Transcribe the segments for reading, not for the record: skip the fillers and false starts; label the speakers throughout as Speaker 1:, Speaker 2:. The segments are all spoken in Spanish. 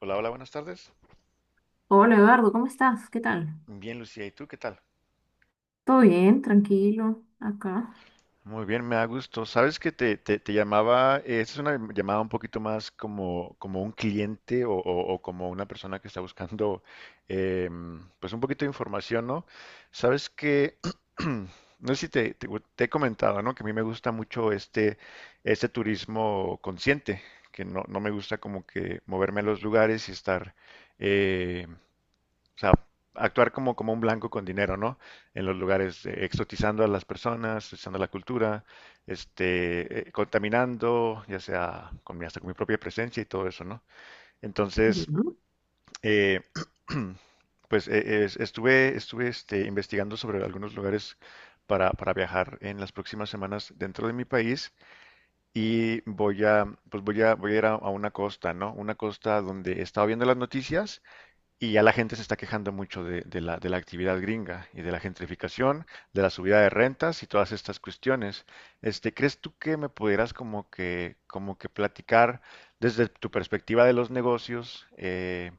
Speaker 1: Hola, hola, buenas tardes.
Speaker 2: Hola Eduardo, ¿cómo estás? ¿Qué tal?
Speaker 1: Bien, Lucía, ¿y tú qué tal?
Speaker 2: ¿Todo bien? Tranquilo, acá.
Speaker 1: Muy bien, me da gusto. Sabes que te llamaba, esta es una llamada un poquito más como un cliente o como una persona que está buscando pues un poquito de información, ¿no? Sabes que, no sé si te he comentado, ¿no? Que a mí me gusta mucho este turismo consciente, que no me gusta como que moverme a los lugares y estar. eh, O sea, actuar como un blanco con dinero, ¿no? En los lugares, exotizando a las personas, exotizando la cultura, este, contaminando, ya sea hasta con mi propia presencia y todo eso, ¿no?
Speaker 2: Ya.
Speaker 1: Entonces, eh, pues estuve investigando sobre algunos lugares para viajar en las próximas semanas dentro de mi país y pues voy a ir a una costa, ¿no? Una costa donde he estado viendo las noticias y ya la gente se está quejando mucho de la actividad gringa y de la gentrificación, de la subida de rentas y todas estas cuestiones. ¿Crees tú que me pudieras como que platicar desde tu perspectiva de los negocios,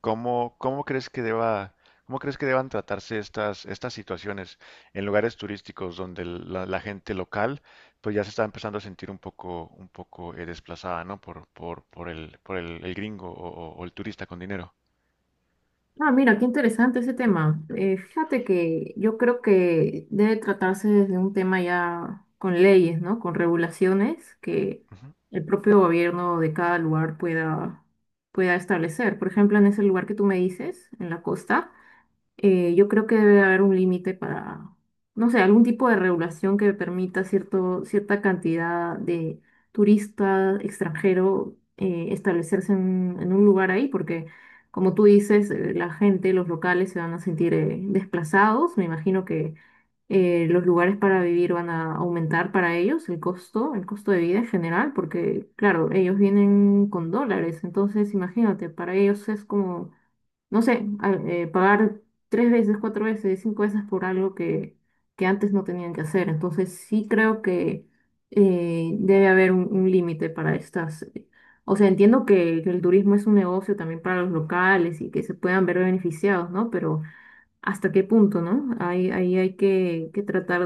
Speaker 1: cómo, cómo crees que deba, cómo crees que deban tratarse estas situaciones en lugares turísticos donde la gente local pues ya se está empezando a sentir un poco desplazada, ¿no? Por el gringo o el turista con dinero.
Speaker 2: Ah, mira, qué interesante ese tema. Fíjate que yo creo que debe tratarse desde un tema ya con leyes, ¿no? Con regulaciones que el propio gobierno de cada lugar pueda, pueda establecer. Por ejemplo, en ese lugar que tú me dices, en la costa. Yo creo que debe haber un límite para, no sé, algún tipo de regulación que permita cierto, cierta cantidad de turistas extranjeros establecerse en un lugar ahí, porque como tú dices, la gente, los locales se van a sentir desplazados. Me imagino que los lugares para vivir van a aumentar para ellos el costo de vida en general, porque claro, ellos vienen con dólares, entonces imagínate, para ellos es como no sé, pagar tres veces, cuatro veces, cinco veces por algo que antes no tenían que hacer. Entonces sí creo que debe haber un límite para estas. O sea, entiendo que el turismo es un negocio también para los locales y que se puedan ver beneficiados, ¿no? Pero ¿hasta qué punto, no? Ahí, ahí hay que tratar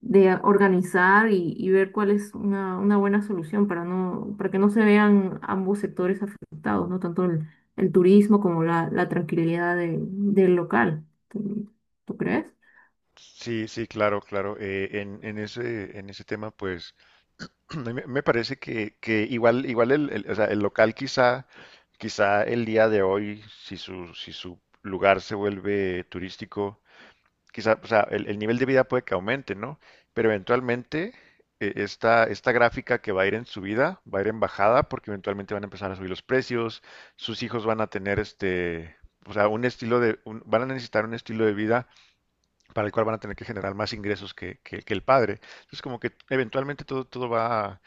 Speaker 2: de organizar y ver cuál es una buena solución para no, para que no se vean ambos sectores afectados, ¿no? Tanto el turismo como la tranquilidad del local. ¿Tú, tú crees?
Speaker 1: Sí, sí, claro, claro. En ese tema, pues, a mí me parece que igual el, o sea, el local quizá el día de hoy, si su lugar se vuelve turístico, quizá, o sea, el nivel de vida puede que aumente, ¿no? Pero eventualmente esta gráfica que va a ir en subida, va a ir en bajada, porque eventualmente van a empezar a subir los precios, sus hijos van a tener o sea, un estilo de, un- van a necesitar un estilo de vida para el cual van a tener que generar más ingresos que el padre. Entonces, como que eventualmente todo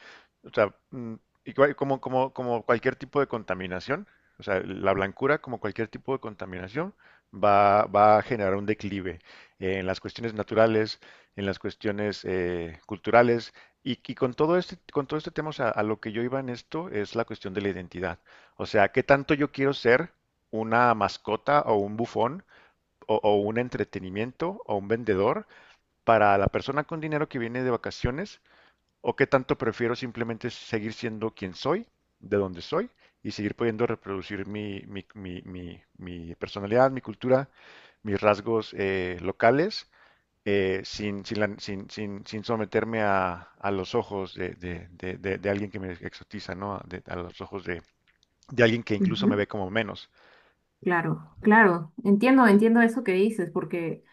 Speaker 1: o sea, igual como cualquier tipo de contaminación, o sea, la blancura, como cualquier tipo de contaminación, va a generar un declive en las cuestiones naturales, en las cuestiones culturales. Y con todo este tema, o sea, a lo que yo iba en esto es la cuestión de la identidad. O sea, ¿qué tanto yo quiero ser una mascota o un bufón, o un entretenimiento o un vendedor para la persona con dinero que viene de vacaciones o qué tanto prefiero simplemente seguir siendo quien soy, de donde soy y seguir pudiendo reproducir mi personalidad, mi cultura, mis rasgos locales, sin, sin, la- sin- sin- sin someterme a los ojos de alguien que me exotiza, ¿no? A los ojos de alguien que incluso me
Speaker 2: Ujú.
Speaker 1: ve como menos.
Speaker 2: Claro, claro, entiendo, entiendo eso que dices, porque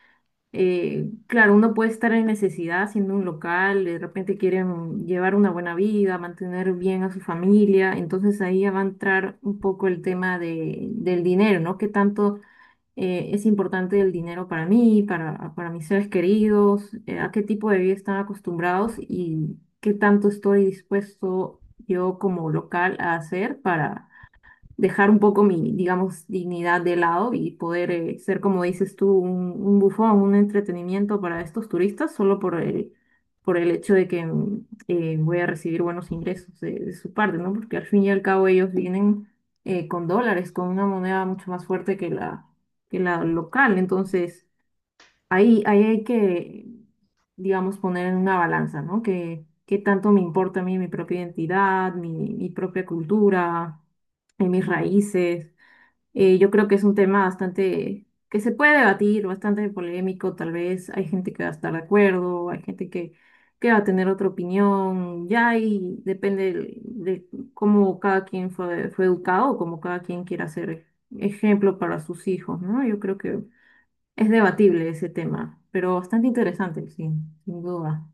Speaker 2: claro, uno puede estar en necesidad siendo un local, de repente quieren llevar una buena vida, mantener bien a su familia, entonces ahí ya va a entrar un poco el tema de, del dinero, ¿no? ¿Qué tanto es importante el dinero para mí, para mis seres queridos, a qué tipo de vida están acostumbrados y qué tanto estoy dispuesto yo como local a hacer para dejar un poco mi, digamos, dignidad de lado y poder ser, como dices tú, un bufón, un entretenimiento para estos turistas solo por el hecho de que voy a recibir buenos ingresos de su parte, ¿no? Porque al fin y al cabo ellos vienen con dólares, con una moneda mucho más fuerte que la local. Entonces, ahí, ahí hay que, digamos, poner en una balanza, ¿no? Que, qué tanto me importa a mí mi propia identidad, mi propia cultura en mis raíces. Yo creo que es un tema bastante que se puede debatir, bastante polémico, tal vez. Hay gente que va a estar de acuerdo, hay gente que va a tener otra opinión, ya y depende de, cómo cada quien fue, fue educado, cómo cada quien quiera ser ejemplo para sus hijos, ¿no? Yo creo que es debatible ese tema, pero bastante interesante, sí, sin duda.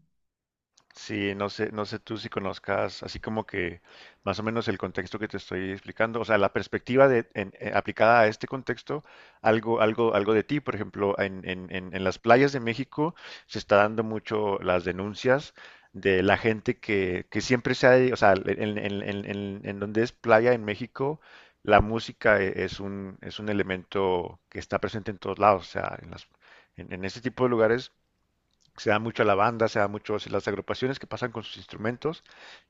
Speaker 1: Sí, no sé tú si conozcas así como que más o menos el contexto que te estoy explicando, o sea, la perspectiva aplicada a este contexto, algo de ti, por ejemplo, en las playas de México se está dando mucho las denuncias de la gente que siempre se ha, de- o sea, en donde es playa en México, la música es un elemento que está presente en todos lados, o sea, en este tipo de lugares se da mucho a la banda, se da mucho a las agrupaciones que pasan con sus instrumentos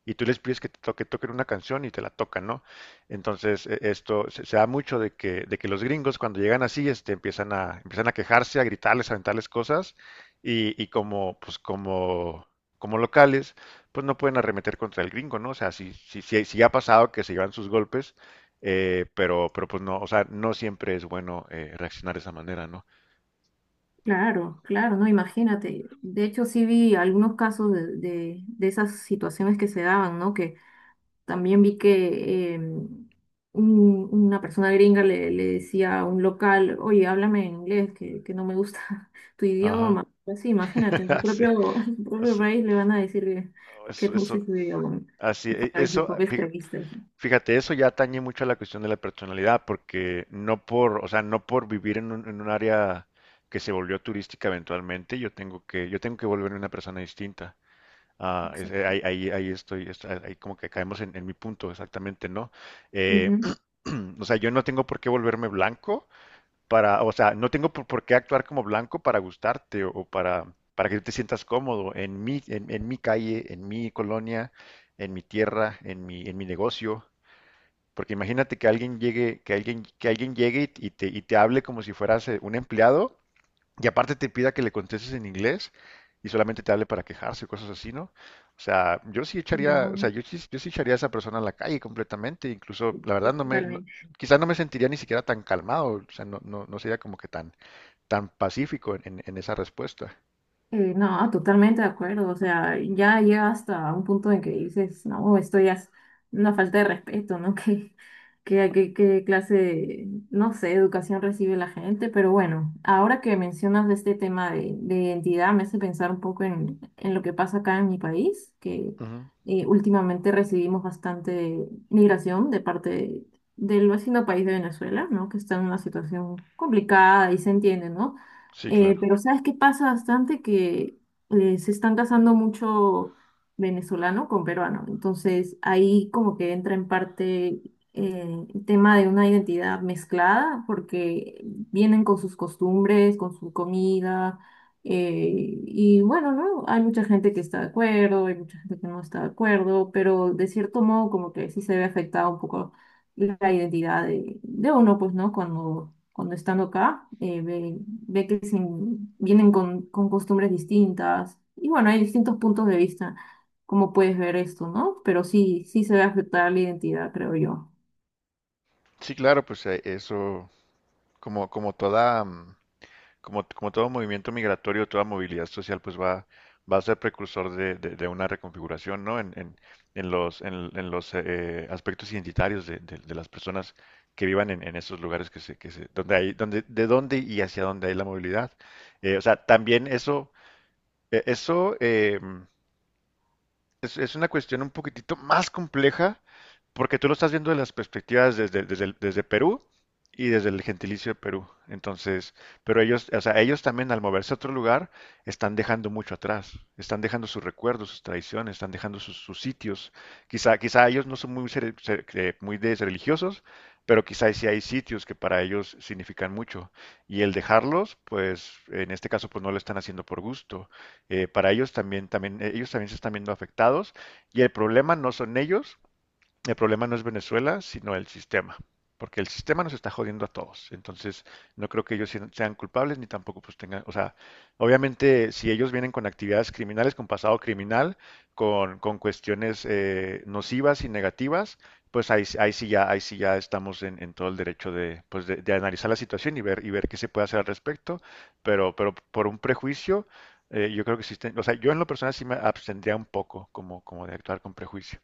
Speaker 1: y tú les pides que toquen una canción y te la tocan, ¿no? Entonces, esto se da mucho de que los gringos cuando llegan así, empiezan a quejarse, a gritarles, a aventarles cosas, y pues como locales, pues no pueden arremeter contra el gringo, ¿no? O sea, si ha pasado que se llevan sus golpes, pero pues no, o sea, no siempre es bueno reaccionar de esa manera, ¿no?
Speaker 2: Claro, claro, no, imagínate. De hecho, sí vi algunos casos de esas situaciones que se daban, ¿no? También vi que una persona gringa le, le decía a un local, oye, háblame en inglés, que no me gusta tu
Speaker 1: Ajá,
Speaker 2: idioma. Así, imagínate, en su
Speaker 1: sí.
Speaker 2: propio, en tu
Speaker 1: O
Speaker 2: propio
Speaker 1: sea,
Speaker 2: país le van a decir que
Speaker 1: eso,
Speaker 2: no uses
Speaker 1: eso.
Speaker 2: su idioma.
Speaker 1: Así,
Speaker 2: Me parece un poco extremista eso.
Speaker 1: fíjate, eso ya atañe mucho a la cuestión de la personalidad, porque o sea, no por vivir en un área que se volvió turística eventualmente, yo tengo que volverme una persona distinta. Ah, ahí estoy, ahí como que caemos en mi punto, exactamente, ¿no? Eh,
Speaker 2: Ujú.
Speaker 1: o sea, yo no tengo por qué volverme blanco, para, o sea, no tengo por qué actuar como blanco para gustarte o para que tú te sientas cómodo en mi calle, en mi colonia, en mi tierra, en mi negocio. Porque imagínate que alguien llegue y te hable como si fueras un empleado y aparte te pida que le contestes en inglés y solamente te hable para quejarse, o cosas así, ¿no? O sea, o sea,
Speaker 2: No,
Speaker 1: yo sí echaría a esa persona a la calle completamente, incluso, la verdad, no me, no-
Speaker 2: totalmente.
Speaker 1: quizás no me sentiría ni siquiera tan calmado, o sea, no sería como que tan pacífico en esa respuesta.
Speaker 2: No, totalmente de acuerdo. O sea, ya llega hasta un punto en que dices, no, esto ya es una falta de respeto, ¿no? ¿Qué, qué, qué, qué clase de, no sé, educación recibe la gente? Pero bueno, ahora que mencionas de este tema de identidad, me hace pensar un poco en lo que pasa acá en mi país, que
Speaker 1: Ujú.
Speaker 2: últimamente recibimos bastante migración del vecino país de Venezuela, ¿no? Que está en una situación complicada y se entiende, ¿no?
Speaker 1: Sí, claro.
Speaker 2: Pero ¿sabes qué pasa bastante? Que se están casando mucho venezolano con peruano. Entonces ahí como que entra en parte el tema de una identidad mezclada porque vienen con sus costumbres, con su comida. Y bueno, ¿no? Hay mucha gente que está de acuerdo, hay mucha gente que no está de acuerdo, pero de cierto modo como que sí se ve afectado un poco la identidad de uno, pues, ¿no? Cuando, cuando estando acá, ve, ve que vienen con costumbres distintas. Y bueno, hay distintos puntos de vista, como puedes ver esto, ¿no? Pero sí, sí se ve afectada la identidad, creo yo.
Speaker 1: Sí, claro, pues eso, como, como toda, mm, como todo movimiento migratorio, toda movilidad social, pues va a ser precursor de una reconfiguración, ¿no? En los aspectos identitarios de las personas que vivan en esos lugares que se, donde hay, donde, de dónde y hacia dónde hay la movilidad. O sea, también eso, eh, eso, eh, es una cuestión un poquitito más compleja porque tú lo estás viendo de las perspectivas desde Perú y desde el gentilicio de Perú. Entonces, pero ellos, o sea, ellos también al moverse a otro lugar están dejando mucho atrás, están dejando sus recuerdos, sus tradiciones, están dejando sus sitios. Quizá ellos no son muy religiosos, pero quizá sí hay sitios que para ellos significan mucho. Y el dejarlos, pues en este caso, pues no lo están haciendo por gusto. Para ellos también, también, ellos también se están viendo afectados y el problema no son ellos, el problema no es Venezuela, sino el sistema, porque el sistema nos está jodiendo a todos. Entonces, no creo que ellos sean- culpables ni tampoco pues tengan, o sea, obviamente si ellos vienen con actividades criminales, con pasado criminal, con cuestiones nocivas y negativas, pues ahí sí ya estamos en todo el derecho pues de analizar la situación y ver qué se puede hacer al respecto, pero por un prejuicio, yo creo que existen, o sea, yo en lo personal sí me abstendría un poco como de actuar con prejuicio.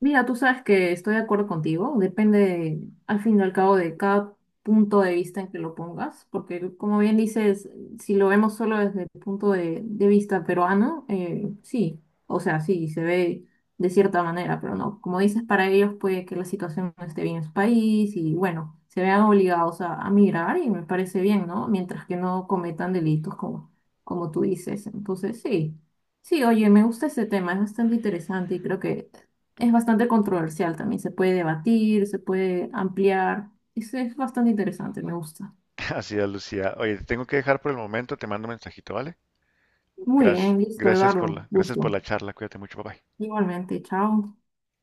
Speaker 2: Mira, tú sabes que estoy de acuerdo contigo, depende al fin y al cabo de cada punto de vista en que lo pongas, porque como bien dices, si lo vemos solo desde el punto de vista peruano, sí, o sea, sí, se ve de cierta manera, pero no, como dices, para ellos puede que la situación no esté bien en su país y bueno, se vean obligados a migrar y me parece bien, ¿no? Mientras que no cometan delitos como, como tú dices, entonces sí. Sí, oye, me gusta ese tema, es bastante interesante y creo que es bastante controversial también. Se puede debatir, se puede ampliar. Eso es bastante interesante, me gusta.
Speaker 1: Así es, Lucía. Oye, te tengo que dejar por el momento, te mando un mensajito, ¿vale?
Speaker 2: Muy
Speaker 1: Gracias,
Speaker 2: bien, listo,
Speaker 1: gracias por
Speaker 2: Eduardo.
Speaker 1: la, gracias por
Speaker 2: Gusto.
Speaker 1: la charla, cuídate mucho, papá.
Speaker 2: Igualmente, chao.